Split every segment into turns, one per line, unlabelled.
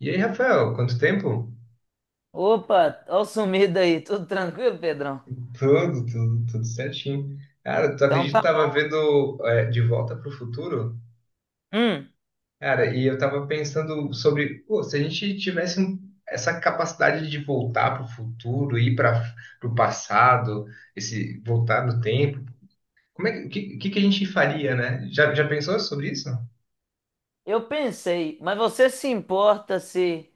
E aí, Rafael, quanto tempo?
Opa, ó o sumido aí, tudo tranquilo, Pedrão?
Tudo, tudo, tudo certinho. Cara, tu
Então
acredita que eu
tá
tava
bom.
vendo De Volta pro Futuro?
Hum,
Cara, e eu tava pensando sobre, pô, se a gente tivesse essa capacidade de voltar pro futuro, ir para pro passado, esse voltar no tempo, como é que que a gente faria, né? Já pensou sobre isso?
eu pensei, mas você se importa se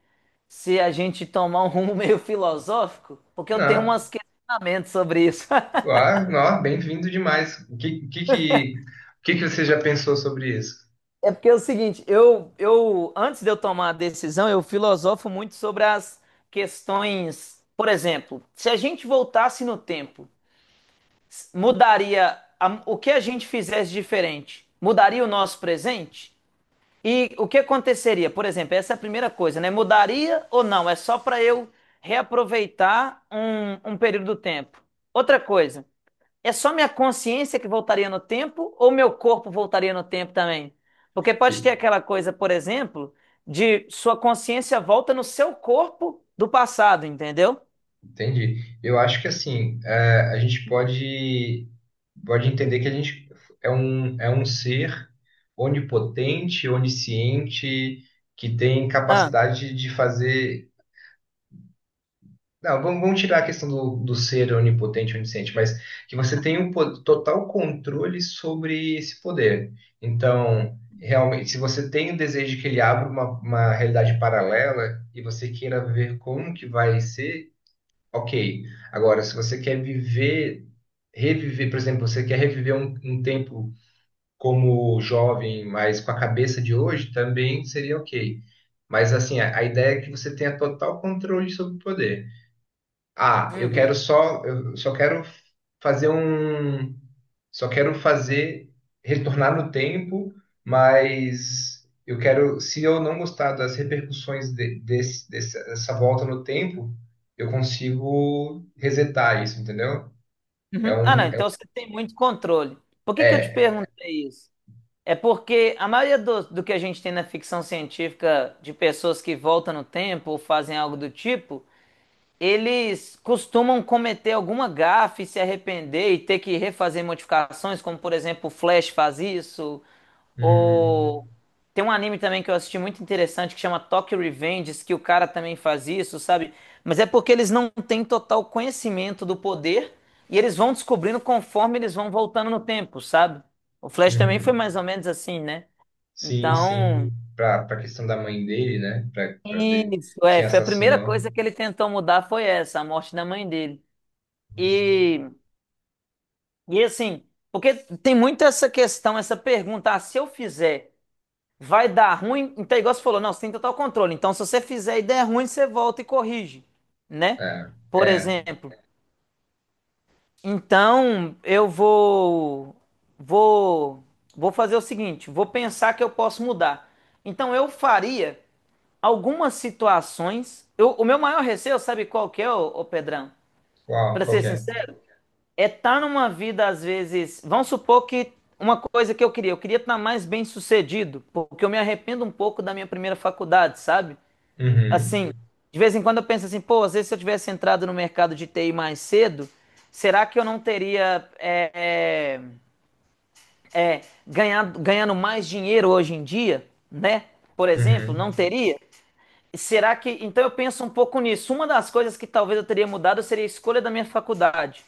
a gente tomar um rumo meio filosófico? Porque eu tenho
Não,
uns questionamentos sobre isso.
ah, não, bem-vindo demais. O que que você já pensou sobre isso?
É porque é o seguinte, eu antes de eu tomar a decisão, eu filosofo muito sobre as questões. Por exemplo, se a gente voltasse no tempo, mudaria o que a gente fizesse diferente? Mudaria o nosso presente? E o que aconteceria? Por exemplo, essa é a primeira coisa, né? Mudaria ou não? É só para eu reaproveitar um período do tempo. Outra coisa, é só minha consciência que voltaria no tempo ou meu corpo voltaria no tempo também? Porque pode ter aquela coisa, por exemplo, de sua consciência volta no seu corpo do passado, entendeu?
Entendi. Eu acho que assim, é, a gente pode entender que a gente é um ser onipotente, onisciente, que tem
Ah,
capacidade de fazer. Não, vamos tirar a questão do ser onipotente, onisciente, mas que você tem total controle sobre esse poder. Então, realmente, se você tem o desejo de que ele abra uma realidade paralela e você queira ver como que vai ser. Ok. Agora, se você quer viver, reviver, por exemplo, você quer reviver um tempo como jovem, mas com a cabeça de hoje, também seria ok. Mas assim, a ideia é que você tenha total controle sobre o poder. Ah, eu
uhum,
quero só, eu só quero fazer um, só quero fazer, retornar no tempo, mas eu quero, se eu não gostar das repercussões dessa volta no tempo, eu consigo resetar isso, entendeu? É
uhum. Ah, não,
um, é, um,
então você tem muito controle. Por que que eu te
é.
perguntei isso? É porque a maioria do que a gente tem na ficção científica de pessoas que voltam no tempo ou fazem algo do tipo, eles costumam cometer alguma gafe, e se arrepender e ter que refazer modificações, como por exemplo o Flash faz isso,
Uhum,
ou tem um anime também que eu assisti muito interessante que chama Tokyo Revengers, que o cara também faz isso, sabe? Mas é porque eles não têm total conhecimento do poder e eles vão descobrindo conforme eles vão voltando no tempo, sabe? O Flash também foi
uhum.
mais ou menos assim, né?
Sim,
Então,
sim, para questão da mãe dele, né? Para ver
isso,
quem
é, foi a primeira
assassinou.
coisa que ele tentou mudar foi essa, a morte da mãe dele.
Uhum.
E, e assim, porque tem muito essa questão, essa pergunta, ah, se eu fizer, vai dar ruim? Então, igual você falou, não, você tem total controle. Então, se você fizer e der ruim, você volta e corrige, né?
É,
Por
é.
exemplo. Então, eu vou vou vou fazer o seguinte, vou pensar que eu posso mudar. Então, eu faria algumas situações. O meu maior receio, sabe qual que é, ô Pedrão?
Qual,
Pra
qual
ser
que é?
sincero, é estar numa vida, às vezes. Vamos supor que uma coisa que eu queria estar mais bem sucedido, porque eu me arrependo um pouco da minha primeira faculdade, sabe?
Uhum,
Assim, de vez em quando eu penso assim, pô, às vezes se eu tivesse entrado no mercado de TI mais cedo, será que eu não teria é, é, ganhado, ganhando mais dinheiro hoje em dia, né? Por exemplo,
uhum.
não teria? Será que. Então eu penso um pouco nisso. Uma das coisas que talvez eu teria mudado seria a escolha da minha faculdade.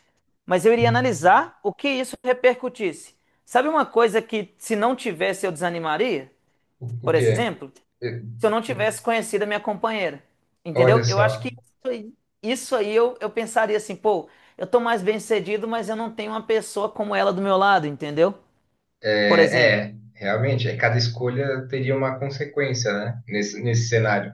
Mas eu iria analisar o que isso repercutisse. Sabe uma coisa que, se não tivesse, eu desanimaria?
O
Por
quê?
exemplo,
Eh,
se eu não tivesse conhecido a minha companheira.
Olha
Entendeu? Eu acho
só.
que isso aí eu pensaria assim, pô, eu tô mais bem-sucedido, mas eu não tenho uma pessoa como ela do meu lado, entendeu? Por exemplo.
É, é, realmente, é, cada escolha teria uma consequência, né? Nesse, nesse cenário.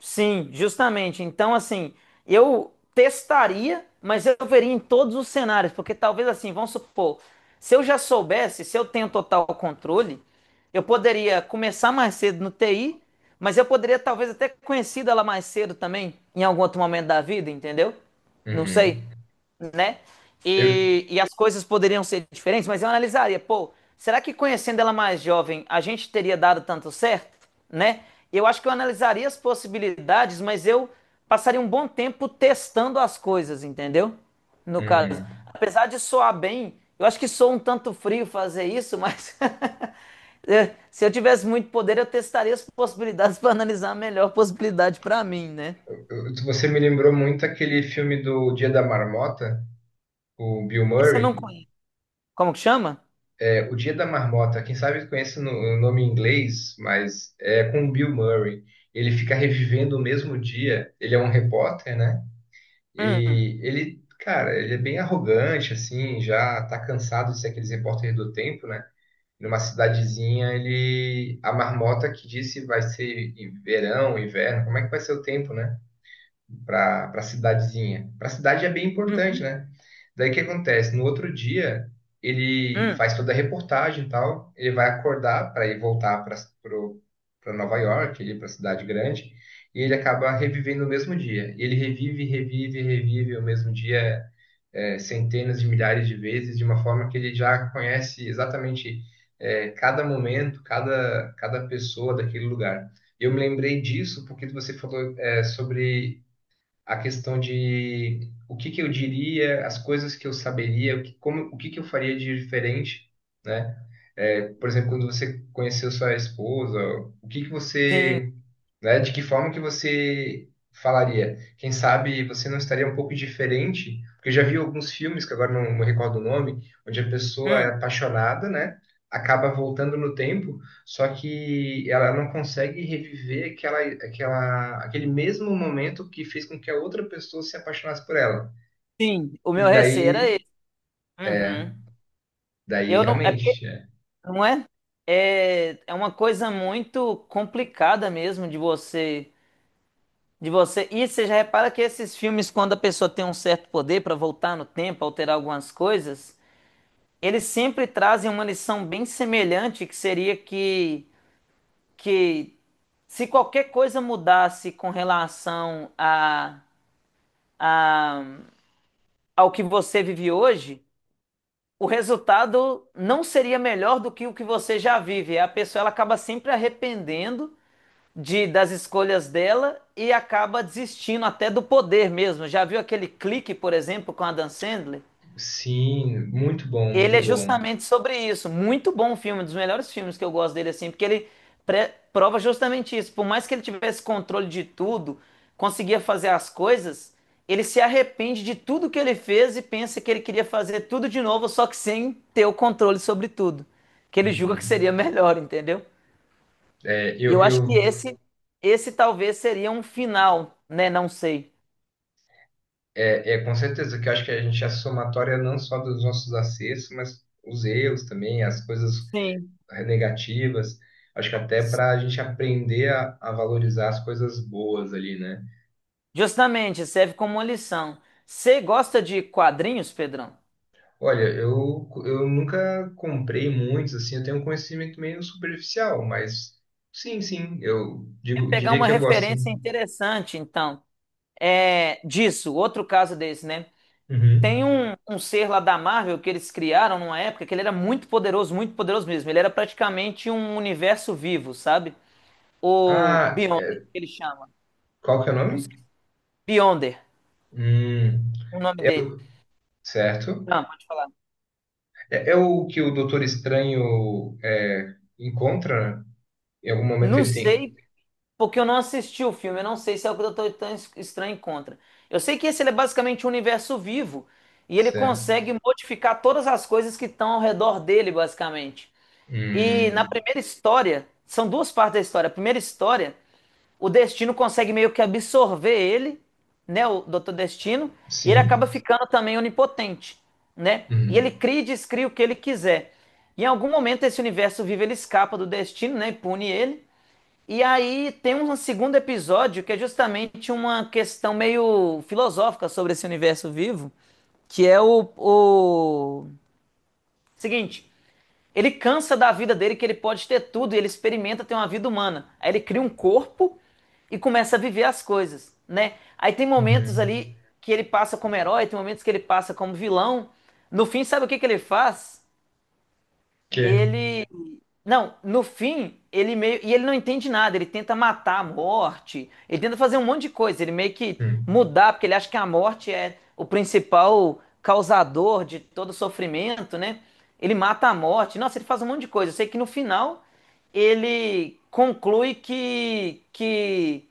Sim, justamente. Então, assim, eu testaria, mas eu veria em todos os cenários, porque talvez assim, vamos supor, se eu já soubesse, se eu tenho total controle, eu poderia começar mais cedo no TI, mas eu poderia talvez até conhecer ela mais cedo também, em algum outro momento da vida, entendeu? Não sei,
Uhum.
né?
Eu,
E as coisas poderiam ser diferentes, mas eu analisaria, pô, será que conhecendo ela mais jovem, a gente teria dado tanto certo, né? Eu acho que eu analisaria as possibilidades, mas eu passaria um bom tempo testando as coisas, entendeu? No caso,
uhum.
apesar de soar bem, eu acho que sou um tanto frio fazer isso, mas é, se eu tivesse muito poder, eu testaria as possibilidades para analisar a melhor possibilidade para mim, né?
Você me lembrou muito aquele filme do Dia da Marmota, o Bill
Esse eu não
Murray.
conheço. Como que chama?
É, o Dia da Marmota, quem sabe conhece o nome em inglês, mas é com o Bill Murray. Ele fica revivendo o mesmo dia. Ele é um repórter, né?
Hum,
E ele, cara, ele é bem arrogante, assim, já tá cansado de ser aqueles repórter do tempo, né? Numa cidadezinha, ele a marmota que disse vai ser em verão, inverno, como é que vai ser o tempo, né? Para cidadezinha. Para cidade é bem importante,
hum,
né? Daí o que acontece? No outro dia, ele
hum.
faz toda a reportagem e tal, ele vai acordar para ir voltar para Nova York, para a cidade grande, e ele acaba revivendo o mesmo dia. Ele revive o mesmo dia centenas de milhares de vezes, de uma forma que ele já conhece exatamente cada momento, cada pessoa daquele lugar. Eu me lembrei disso porque você falou sobre a questão de o que que eu diria, as coisas que eu saberia, o que, como, o que que eu faria de diferente, né? É, por exemplo, quando você conheceu sua esposa, o que que
Sim,
você, né, de que forma que você falaria? Quem sabe você não estaria um pouco diferente? Porque eu já vi alguns filmes, que agora não me recordo o nome, onde a pessoa é
hum,
apaixonada, né? Acaba voltando no tempo, só que ela não consegue reviver aquele mesmo momento que fez com que a outra pessoa se apaixonasse por ela.
sim, o
E
meu receio era
daí,
esse.
é
Uhum.
daí
Eu não, é porque,
realmente, é.
não é, é, é uma coisa muito complicada mesmo de você, de você. E você já repara que esses filmes, quando a pessoa tem um certo poder para voltar no tempo, alterar algumas coisas, eles sempre trazem uma lição bem semelhante, que seria que se qualquer coisa mudasse com relação a, ao que você vive hoje, o resultado não seria melhor do que o que você já vive. A pessoa ela acaba sempre arrependendo de das escolhas dela e acaba desistindo até do poder mesmo. Já viu aquele clique, por exemplo, com a Adam Sandler?
Sim, muito bom,
Ele
muito
é
bom.
justamente sobre isso. Muito bom filme, um dos melhores filmes que eu gosto dele, assim, porque ele prova justamente isso. Por mais que ele tivesse controle de tudo, conseguia fazer as coisas, ele se arrepende de tudo que ele fez e pensa que ele queria fazer tudo de novo, só que sem ter o controle sobre tudo. Que ele julga que
Uhum.
seria melhor, entendeu?
É,
E eu acho que
eu
esse talvez seria um final, né? Não sei.
é, é com certeza que eu acho que a gente é somatória não só dos nossos acertos, mas os erros também, as coisas
Sim.
negativas. Acho que até para a gente aprender a valorizar as coisas boas ali, né?
Justamente, serve como uma lição. Você gosta de quadrinhos, Pedrão?
Olha, eu nunca comprei muitos, assim, eu tenho um conhecimento meio superficial, mas
Pegar
diria
uma
que eu gosto,
referência
sim.
interessante, então, é, disso, outro caso desse, né?
Uhum.
Tem um, um ser lá da Marvel que eles criaram numa época que ele era muito poderoso mesmo. Ele era praticamente um universo vivo, sabe? O
Ah,
Beyonder,
é,
que ele chama.
qual que é o nome?
Não sei. Beyonder,
Hum,
o nome dele.
eu, certo.
Não, pode falar.
É, é o que o Doutor Estranho encontra, né? Em algum momento
Não
ele tem.
sei, porque eu não assisti o filme. Eu não sei se é o que eu tô tão estranho contra. Eu sei que esse ele é basicamente um universo vivo. E ele
Certo.
consegue modificar todas as coisas que estão ao redor dele, basicamente. E na
Hum,
primeira história, são duas partes da história. A primeira história, o Destino consegue meio que absorver ele, né, o Dr. Destino, e ele acaba
sim.
ficando também onipotente, né? E ele
Uhum.
cria e descria o que ele quiser. E em algum momento esse universo vivo ele escapa do Destino, né, e pune ele. E aí tem um segundo episódio que é justamente uma questão meio filosófica sobre esse universo vivo, que é o seguinte, ele cansa da vida dele, que ele pode ter tudo, e ele experimenta ter uma vida humana. Aí ele cria um corpo e começa a viver as coisas, né? Aí tem momentos
Uhum.
ali que ele passa como herói, tem momentos que ele passa como vilão. No fim, sabe o que que ele faz?
Que?
Ele. Não, no fim, ele meio. E ele não entende nada, ele tenta matar a morte, ele tenta fazer um monte de coisa, ele meio que
Hum.
mudar, porque ele acha que a morte é o principal causador de todo sofrimento, né? Ele mata a morte. Nossa, ele faz um monte de coisa. Eu sei que no final ele conclui que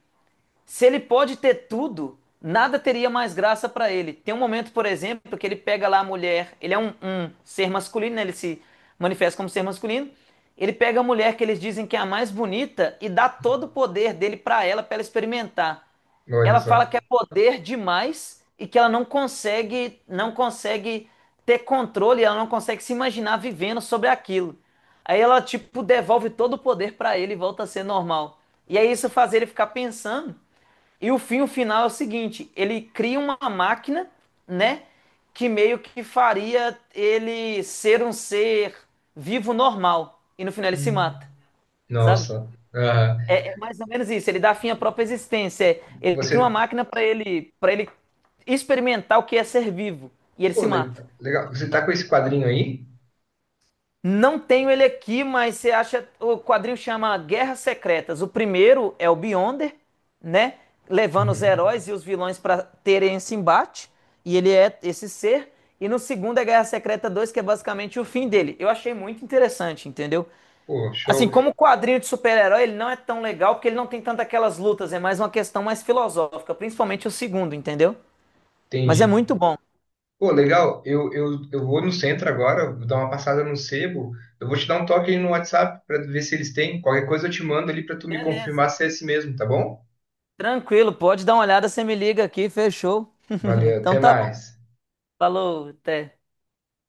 se ele pode ter tudo, nada teria mais graça para ele. Tem um momento, por exemplo, que ele pega lá a mulher, ele é um, um ser masculino, né? Ele se manifesta como ser masculino. Ele pega a mulher que eles dizem que é a mais bonita e dá todo o poder dele para ela experimentar.
Olha
Ela fala
só.
que é poder demais e que ela não consegue ter controle, ela não consegue se imaginar vivendo sobre aquilo. Aí ela tipo devolve todo o poder para ele e volta a ser normal. E aí isso faz ele ficar pensando e o fim, o final é o seguinte: ele cria uma máquina, né? Que meio que faria ele ser um ser vivo normal. E no final ele se
Hum.
mata, sabe?
Nossa. Ah,
É, é mais ou menos isso. Ele dá fim à própria existência. É, ele cria uma
você.
máquina para ele experimentar o que é ser vivo. E ele
Pô,
se
le-
mata
legal.
no
Você tá com
final.
esse quadrinho aí?
Não tenho ele aqui, mas você acha. O quadrinho chama Guerras Secretas. O primeiro é o Beyonder, né? Levando os
Uhum.
heróis e os vilões para terem esse embate. E ele é esse ser. E no segundo é Guerra Secreta Dois, que é basicamente o fim dele. Eu achei muito interessante, entendeu?
Pô,
Assim,
show.
como quadrinho de super-herói, ele não é tão legal porque ele não tem tanto aquelas lutas. É mais uma questão mais filosófica, principalmente o segundo, entendeu? Mas é
Entendi.
muito bom.
Pô, legal. Eu vou no centro agora, vou dar uma passada no sebo. Eu vou te dar um toque aí no WhatsApp pra ver se eles têm. Qualquer coisa eu te mando ali pra tu me
Beleza.
confirmar se é esse mesmo, tá bom?
Tranquilo, pode dar uma olhada, você me liga aqui, fechou.
Valeu,
Então
até
tá.
mais.
Falou, até.